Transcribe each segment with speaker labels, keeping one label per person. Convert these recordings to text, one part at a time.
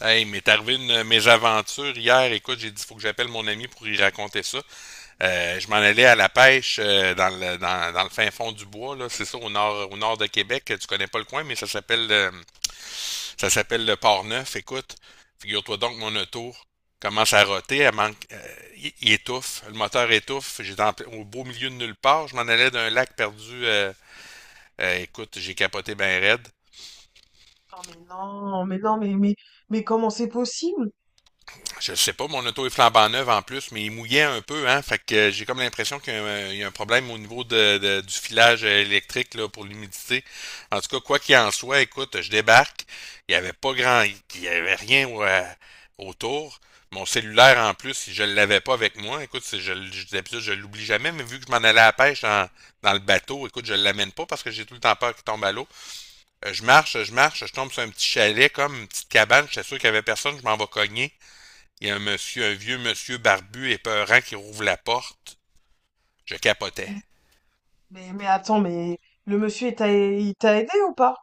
Speaker 1: Hey, il m'est arrivé une mésaventure hier. Écoute, j'ai dit, faut que j'appelle mon ami pour y raconter ça. Je m'en allais à la pêche dans le fin fond du bois, là. C'est ça, au nord de Québec. Tu connais pas le coin, mais ça s'appelle le Port-Neuf. Écoute, figure-toi donc que mon auto commence à roter, elle manque, il étouffe, le moteur étouffe. J'étais au beau milieu de nulle part. Je m'en allais d'un lac perdu. Écoute, j'ai capoté ben raide.
Speaker 2: Ah mais non, mais non, mais comment c'est possible?
Speaker 1: Je sais pas, mon auto est flambant neuve en plus, mais il mouillait un peu, hein. Fait que j'ai comme l'impression qu'il y a un problème au niveau du filage électrique là, pour l'humidité. En tout cas, quoi qu'il en soit, écoute, je débarque. Il y avait pas grand, il y avait rien autour. Mon cellulaire en plus, je l'avais pas avec moi. Écoute, d'habitude, je l'oublie jamais, mais vu que je m'en allais à la pêche dans le bateau, écoute, je l'amène pas parce que j'ai tout le temps peur qu'il tombe à l'eau. Je marche, je marche, je tombe sur un petit chalet comme une petite cabane. J'étais sûr qu'il y avait personne, je m'en vais cogner. Il y a un monsieur, un vieux monsieur barbu et peurant qui rouvre la porte. Je capotais.
Speaker 2: Mais, mais attends, mais le monsieur il t'a aidé ou pas?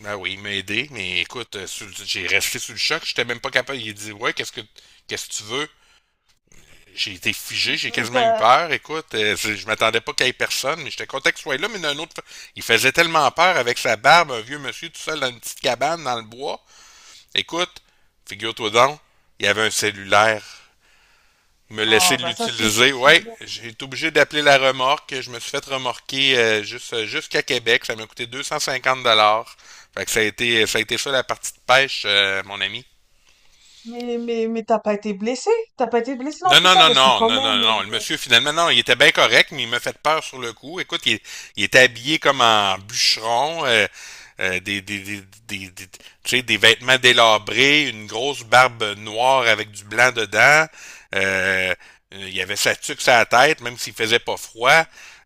Speaker 1: Ben oui, il m'a aidé, mais écoute, j'ai resté sous le choc, j'étais même pas capable. Il a dit, Ouais, qu'est-ce que tu veux? J'ai été figé, j'ai
Speaker 2: Mais
Speaker 1: quasiment eu
Speaker 2: t'as
Speaker 1: peur. Écoute, je m'attendais pas qu'il y ait personne, mais j'étais content qu'il soit là, mais d'un autre. Il faisait tellement peur avec sa barbe, un vieux monsieur tout seul dans une petite cabane dans le bois. Écoute, figure-toi donc, il y avait un cellulaire me laisser
Speaker 2: ah bah ça c'est
Speaker 1: l'utiliser.
Speaker 2: c'est
Speaker 1: Ouais,
Speaker 2: bien.
Speaker 1: j'ai été obligé d'appeler la remorque. Je me suis fait remorquer juste jusqu'à Québec. Ça m'a coûté 250 dollars. Fait que ça a été ça la partie de pêche, mon ami.
Speaker 2: Mais t'as pas été blessé? T'as pas été blessé dans
Speaker 1: Non,
Speaker 2: tout
Speaker 1: non,
Speaker 2: ça
Speaker 1: non,
Speaker 2: parce que
Speaker 1: non,
Speaker 2: quand
Speaker 1: non, non,
Speaker 2: même,
Speaker 1: non. Le monsieur, finalement, non, il était bien correct, mais il m'a fait peur sur le coup. Écoute, il était habillé comme en bûcheron, euh, des, des, des, tu sais, des vêtements délabrés, une grosse barbe noire avec du blanc dedans. Euh, il avait sa tuque sur la tête, même s'il faisait pas froid.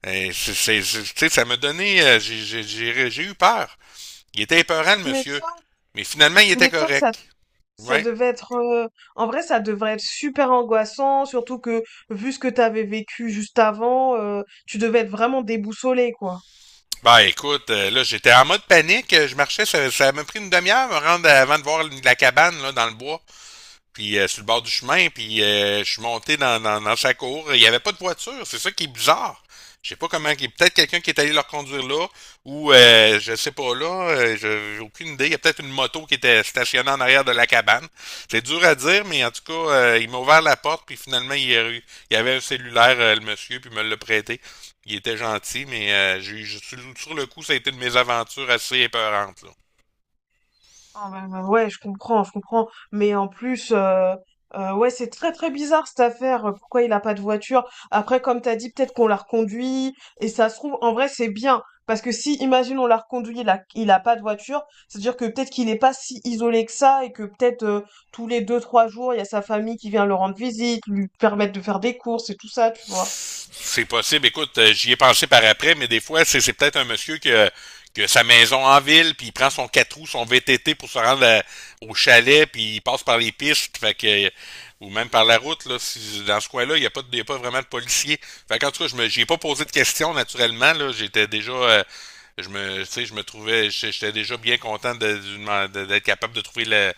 Speaker 1: Tu sais, ça m'a donné, j'ai eu peur. Il était épeurant, le
Speaker 2: tu
Speaker 1: monsieur.
Speaker 2: m'étonnes,
Speaker 1: Mais finalement, il
Speaker 2: tu
Speaker 1: était
Speaker 2: m'étonnes, ça
Speaker 1: correct.
Speaker 2: ça
Speaker 1: Ouais.
Speaker 2: devait être, en vrai ça devrait être super angoissant, surtout que vu ce que t'avais vécu juste avant, tu devais être vraiment déboussolé, quoi.
Speaker 1: Bah écoute, là j'étais en mode panique, je marchais, ça m'a pris une demi-heure à me rendre avant de voir la cabane là, dans le bois puis sur le bord du chemin, puis je suis monté dans sa cour. Il n'y avait pas de voiture, c'est ça qui est bizarre. Je sais pas comment. Peut-être quelqu'un qui est allé leur conduire là, ou je sais pas là, j'ai aucune idée. Il y a peut-être une moto qui était stationnée en arrière de la cabane. C'est dur à dire, mais en tout cas, il m'a ouvert la porte, puis finalement, il y avait un cellulaire, le monsieur, puis il me l'a prêté. Il était gentil, mais sur le coup, ça a été une mésaventure assez épeurante là.
Speaker 2: Ah bah, bah, ouais, je comprends, je comprends. Mais en plus, ouais, c'est très très bizarre cette affaire. Pourquoi il a pas de voiture? Après, comme t'as dit, peut-être qu'on l'a reconduit. Et ça se trouve, en vrai, c'est bien. Parce que si, imagine, on l'a reconduit, il a pas de voiture, c'est-à-dire que peut-être qu'il est pas si isolé que ça et que peut-être, tous les deux, trois jours, il y a sa famille qui vient le rendre visite, lui permettre de faire des courses et tout ça, tu vois.
Speaker 1: C'est possible. Écoute, j'y ai pensé par après, mais des fois, c'est peut-être un monsieur qui a sa maison en ville, puis il prend son 4 roues, son VTT pour se rendre au chalet, puis il passe par les pistes, fait que, ou même par la route. Là, dans ce coin-là, il y a pas vraiment de policiers. Fait qu'en tout cas, j'y ai pas posé de questions, naturellement là. J'étais déjà. Tu sais, je me trouvais, j'étais déjà bien content d'être capable de trouver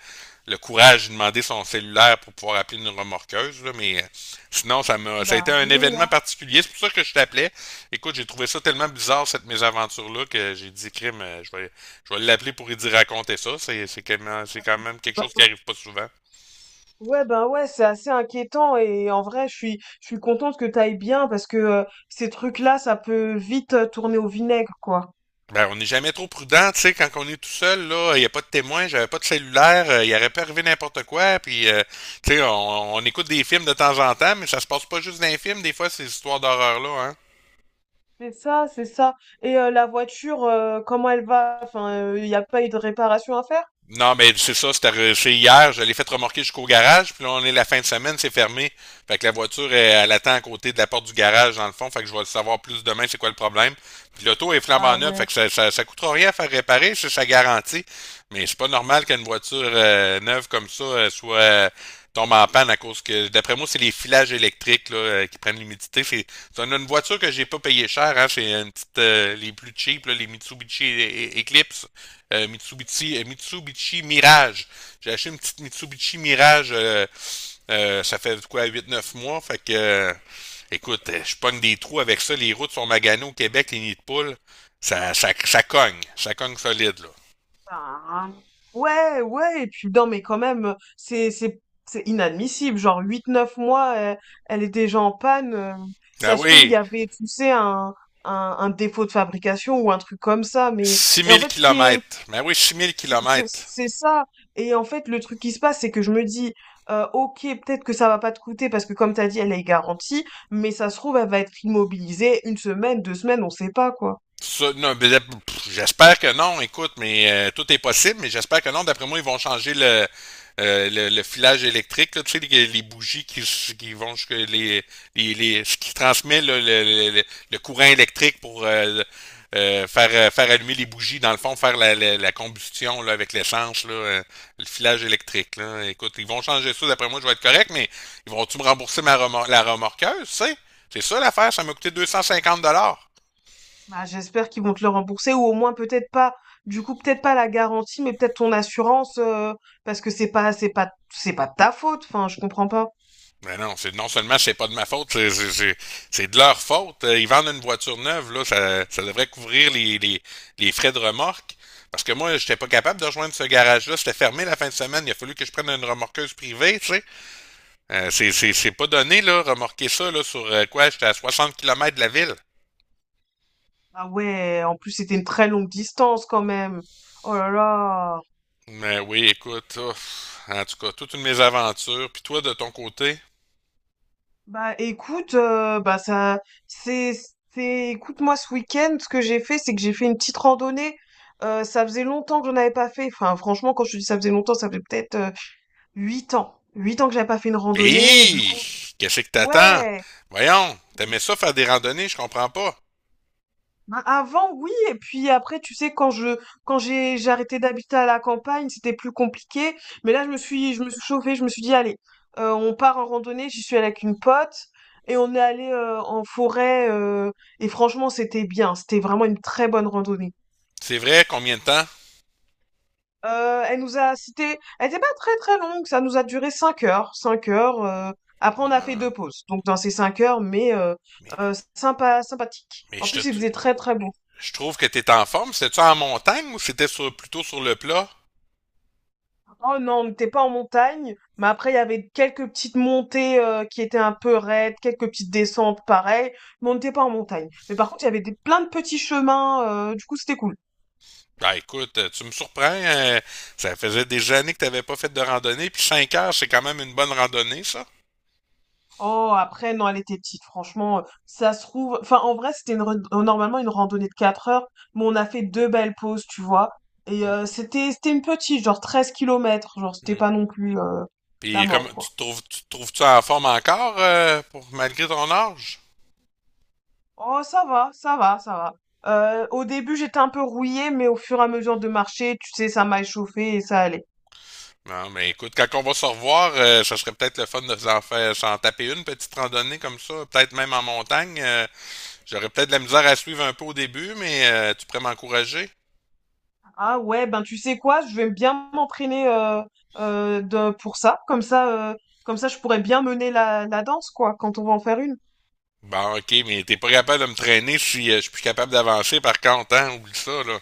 Speaker 1: le courage de demander son cellulaire pour pouvoir appeler une remorqueuse, là, mais Sinon, ça a
Speaker 2: Bah
Speaker 1: été un
Speaker 2: oui,
Speaker 1: événement particulier. C'est pour ça que je t'appelais. Écoute, j'ai trouvé ça tellement bizarre, cette mésaventure-là, que j'ai dit, crime, je vais l'appeler pour lui dire raconter ça. C'est quand même quelque chose qui
Speaker 2: hein.
Speaker 1: arrive pas souvent.
Speaker 2: Ouais, ben ouais, c'est assez inquiétant et en vrai, je suis contente que t'ailles bien parce que, ces trucs-là, ça peut vite, tourner au vinaigre, quoi.
Speaker 1: Ben, on n'est jamais trop prudent, tu sais, quand on est tout seul, là, il n'y a pas de témoin, j'avais pas de cellulaire, il aurait pu arriver n'importe quoi, puis, tu sais, on écoute des films de temps en temps, mais ça se passe pas juste dans les films, des fois, ces histoires d'horreur-là, hein.
Speaker 2: C'est ça, c'est ça. Et la voiture, comment elle va? Enfin, il n'y a pas eu de réparation à faire?
Speaker 1: Non, mais c'est ça, c'était arrivé hier, je l'ai fait remorquer jusqu'au garage, puis là, on est la fin de semaine, c'est fermé. Fait que la voiture, elle, elle attend à côté de la porte du garage, dans le fond, fait que je vais le savoir plus demain, c'est quoi le problème. Puis l'auto est
Speaker 2: Ah
Speaker 1: flambant neuve, fait
Speaker 2: ouais.
Speaker 1: que ça coûtera rien à faire réparer, c'est sa garantie. Mais c'est pas normal qu'une voiture neuve comme ça soit tombe en panne à cause que, d'après moi, c'est les filages électriques là, qui prennent l'humidité. C'est une voiture que j'ai pas payé cher, hein, c'est une petite, les plus cheap, là, les Mitsubishi E- E- Eclipse Mitsubishi, Mitsubishi Mirage. J'ai acheté une petite Mitsubishi Mirage, ça fait quoi, 8, 9 mois. Fait que, écoute, je pogne des trous avec ça. Les routes sont maganées au Québec, les nids de poules. Ça cogne. Ça cogne solide, là.
Speaker 2: Ben, ouais, ouais. Et puis non, mais quand même, c'est inadmissible. Genre huit neuf mois, elle, elle est déjà en panne.
Speaker 1: Ben
Speaker 2: Ça se trouve, il
Speaker 1: oui,
Speaker 2: y avait, tu sais, un défaut de fabrication ou un truc comme ça, mais
Speaker 1: six
Speaker 2: et en
Speaker 1: mille
Speaker 2: fait, ce qui est
Speaker 1: kilomètres. Ben oui, 6000
Speaker 2: C'est c'est-
Speaker 1: kilomètres.
Speaker 2: c'est ça. Et en fait, le truc qui se passe, c'est que je me dis, ok, peut-être que ça va pas te coûter parce que comme t'as dit, elle est garantie, mais ça se trouve, elle va être immobilisée une semaine, deux semaines, on sait pas quoi.
Speaker 1: Ça, non, ben, pff, j'espère que non, écoute, mais tout est possible, mais j'espère que non. D'après moi, ils vont changer le filage électrique, là, tu sais, les bougies qui vont jusque ce qui transmet là, le courant électrique pour faire allumer les bougies, dans le fond, faire la combustion là, avec l'essence, là, le filage électrique. Là. Écoute, ils vont changer ça, d'après moi, je vais être correct, mais ils vont-tu me rembourser la remorqueuse, tu sais? C'est ça l'affaire, ça m'a coûté 250 dollars.
Speaker 2: Bah, j'espère qu'ils vont te le rembourser ou au moins peut-être pas, du coup peut-être pas la garantie, mais peut-être ton assurance, parce que c'est pas de ta faute. Enfin, je comprends pas.
Speaker 1: Mais non, c'est non seulement c'est pas de ma faute, c'est de leur faute. Ils vendent une voiture neuve, là, ça devrait couvrir les frais de remorque. Parce que moi, j'étais pas capable de rejoindre ce garage-là. C'était fermé la fin de semaine. Il a fallu que je prenne une remorqueuse privée, tu sais. C'est pas donné, là, remorquer ça, là, sur quoi? J'étais à 60 kilomètres de la ville.
Speaker 2: Ah ouais, en plus c'était une très longue distance quand même. Oh là là.
Speaker 1: Mais oui, écoute, ouf. En tout cas, toute une aventures. Puis toi, de ton côté?
Speaker 2: Bah écoute, bah ça, c'est, c'est, écoute-moi ce week-end, ce que j'ai fait, c'est que j'ai fait une petite randonnée. Ça faisait longtemps que j'en avais pas fait. Enfin, franchement, quand je te dis ça faisait longtemps, ça fait peut-être, huit ans que j'avais pas fait une randonnée. Et du
Speaker 1: Hé!
Speaker 2: coup,
Speaker 1: Qu'est-ce que t'attends?
Speaker 2: ouais.
Speaker 1: Voyons, t'aimais ça faire des randonnées, je comprends pas.
Speaker 2: Bah, avant, oui, et puis après, tu sais, quand j'ai arrêté d'habiter à la campagne, c'était plus compliqué. Mais là, je me suis chauffée, je me suis dit, allez, on part en randonnée. J'y suis allée avec une pote et on est allé, en forêt. Et franchement, c'était bien. C'était vraiment une très bonne randonnée.
Speaker 1: C'est vrai, combien de temps?
Speaker 2: Elle nous a, cité elle était pas très très longue. Ça nous a duré cinq heures, cinq heures. Après, on a fait deux
Speaker 1: Ah,
Speaker 2: pauses. Donc dans ces cinq heures, mais
Speaker 1: mais,
Speaker 2: sympa, sympathique.
Speaker 1: mais
Speaker 2: En plus, il faisait très très beau.
Speaker 1: je trouve que t'es en forme. C'était-tu en montagne ou c'était plutôt sur le plat?
Speaker 2: Oh non, on n'était pas en montagne, mais après il y avait quelques petites montées, qui étaient un peu raides, quelques petites descentes pareil. Mais on n'était pas en montagne. Mais par contre, il y avait plein de petits chemins, du coup c'était cool.
Speaker 1: Ben écoute, tu me surprends. Ça faisait des années que t'avais pas fait de randonnée. Puis 5 heures, c'est quand même une bonne randonnée, ça.
Speaker 2: Oh, après, non, elle était petite, franchement, ça se trouve. Enfin, en vrai, c'était une normalement une randonnée de 4 heures, mais on a fait deux belles pauses, tu vois. Et
Speaker 1: Mm.
Speaker 2: c'était une petite, genre 13 kilomètres, genre c'était
Speaker 1: Mm.
Speaker 2: pas non plus, la
Speaker 1: Puis comme
Speaker 2: mort, quoi.
Speaker 1: tu te trouves-tu en forme encore pour malgré ton âge?
Speaker 2: Oh, ça va, ça va, ça va. Au début, j'étais un peu rouillée, mais au fur et à mesure de marcher, tu sais, ça m'a échauffée et ça allait.
Speaker 1: Non, mais écoute, quand on va se revoir, ça serait peut-être le fun de s'en taper une petite randonnée comme ça, peut-être même en montagne. J'aurais peut-être de la misère à suivre un peu au début, mais tu pourrais m'encourager?
Speaker 2: Ah ouais, ben tu sais quoi, je vais bien m'entraîner, pour ça. Comme ça, comme ça, je pourrais bien mener la, la danse, quoi, quand on va en faire une.
Speaker 1: Bon, ok, mais t'es pas capable de me traîner si je suis plus capable d'avancer par contre, hein? Oublie ça, là.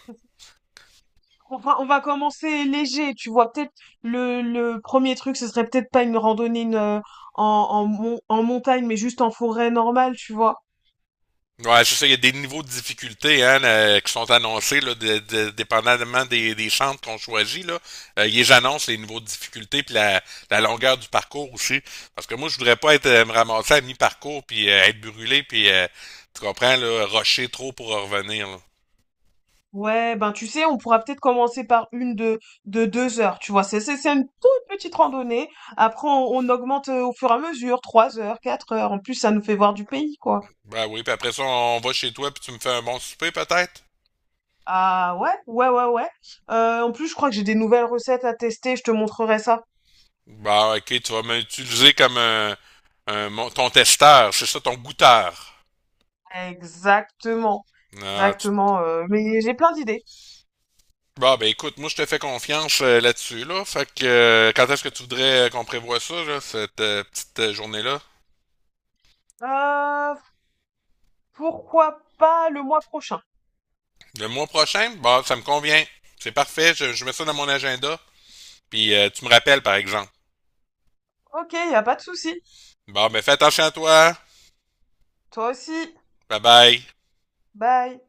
Speaker 2: Enfin, on va commencer léger, tu vois. Peut-être le premier truc, ce serait peut-être pas une randonnée une, en, en, mon- en montagne, mais juste en forêt normale, tu vois.
Speaker 1: Ouais, c'est ça, il y a des niveaux de difficulté hein, là, qui sont annoncés, là, dépendamment des centres qu'on choisit. Là. Ils les annoncent les niveaux de difficulté puis la longueur du parcours aussi. Parce que moi, je voudrais pas être me ramasser à mi-parcours puis être brûlé puis tu comprends, là, rocher trop pour en revenir. Là.
Speaker 2: Ouais, ben tu sais, on pourra peut-être commencer par de deux heures, tu vois. C'est une toute petite randonnée. Après, on augmente, au fur et à mesure, trois heures, quatre heures. En plus, ça nous fait voir du pays, quoi.
Speaker 1: Ben oui, puis après ça, on va chez toi puis tu me fais un bon souper peut-être?
Speaker 2: Ah ouais, ouais, ouais, ouais. En plus, je crois que j'ai des nouvelles recettes à tester, je te montrerai ça.
Speaker 1: Bah, ok, tu vas m'utiliser comme ton testeur, c'est ça, ton goûteur.
Speaker 2: Exactement,
Speaker 1: Ah,
Speaker 2: exactement. Mais j'ai plein d'idées.
Speaker 1: Bah, ben écoute, moi je te fais confiance là-dessus, là. Fait que quand est-ce que tu voudrais qu'on prévoie ça, là, cette petite journée-là?
Speaker 2: Euh, pourquoi pas le mois prochain?
Speaker 1: Le mois prochain? Bah, ça me convient. C'est parfait, je mets ça dans mon agenda. Puis tu me rappelles, par exemple.
Speaker 2: Ok, y a pas de souci.
Speaker 1: Bon, ben fais attention à toi.
Speaker 2: Toi aussi.
Speaker 1: Bye bye.
Speaker 2: Bye.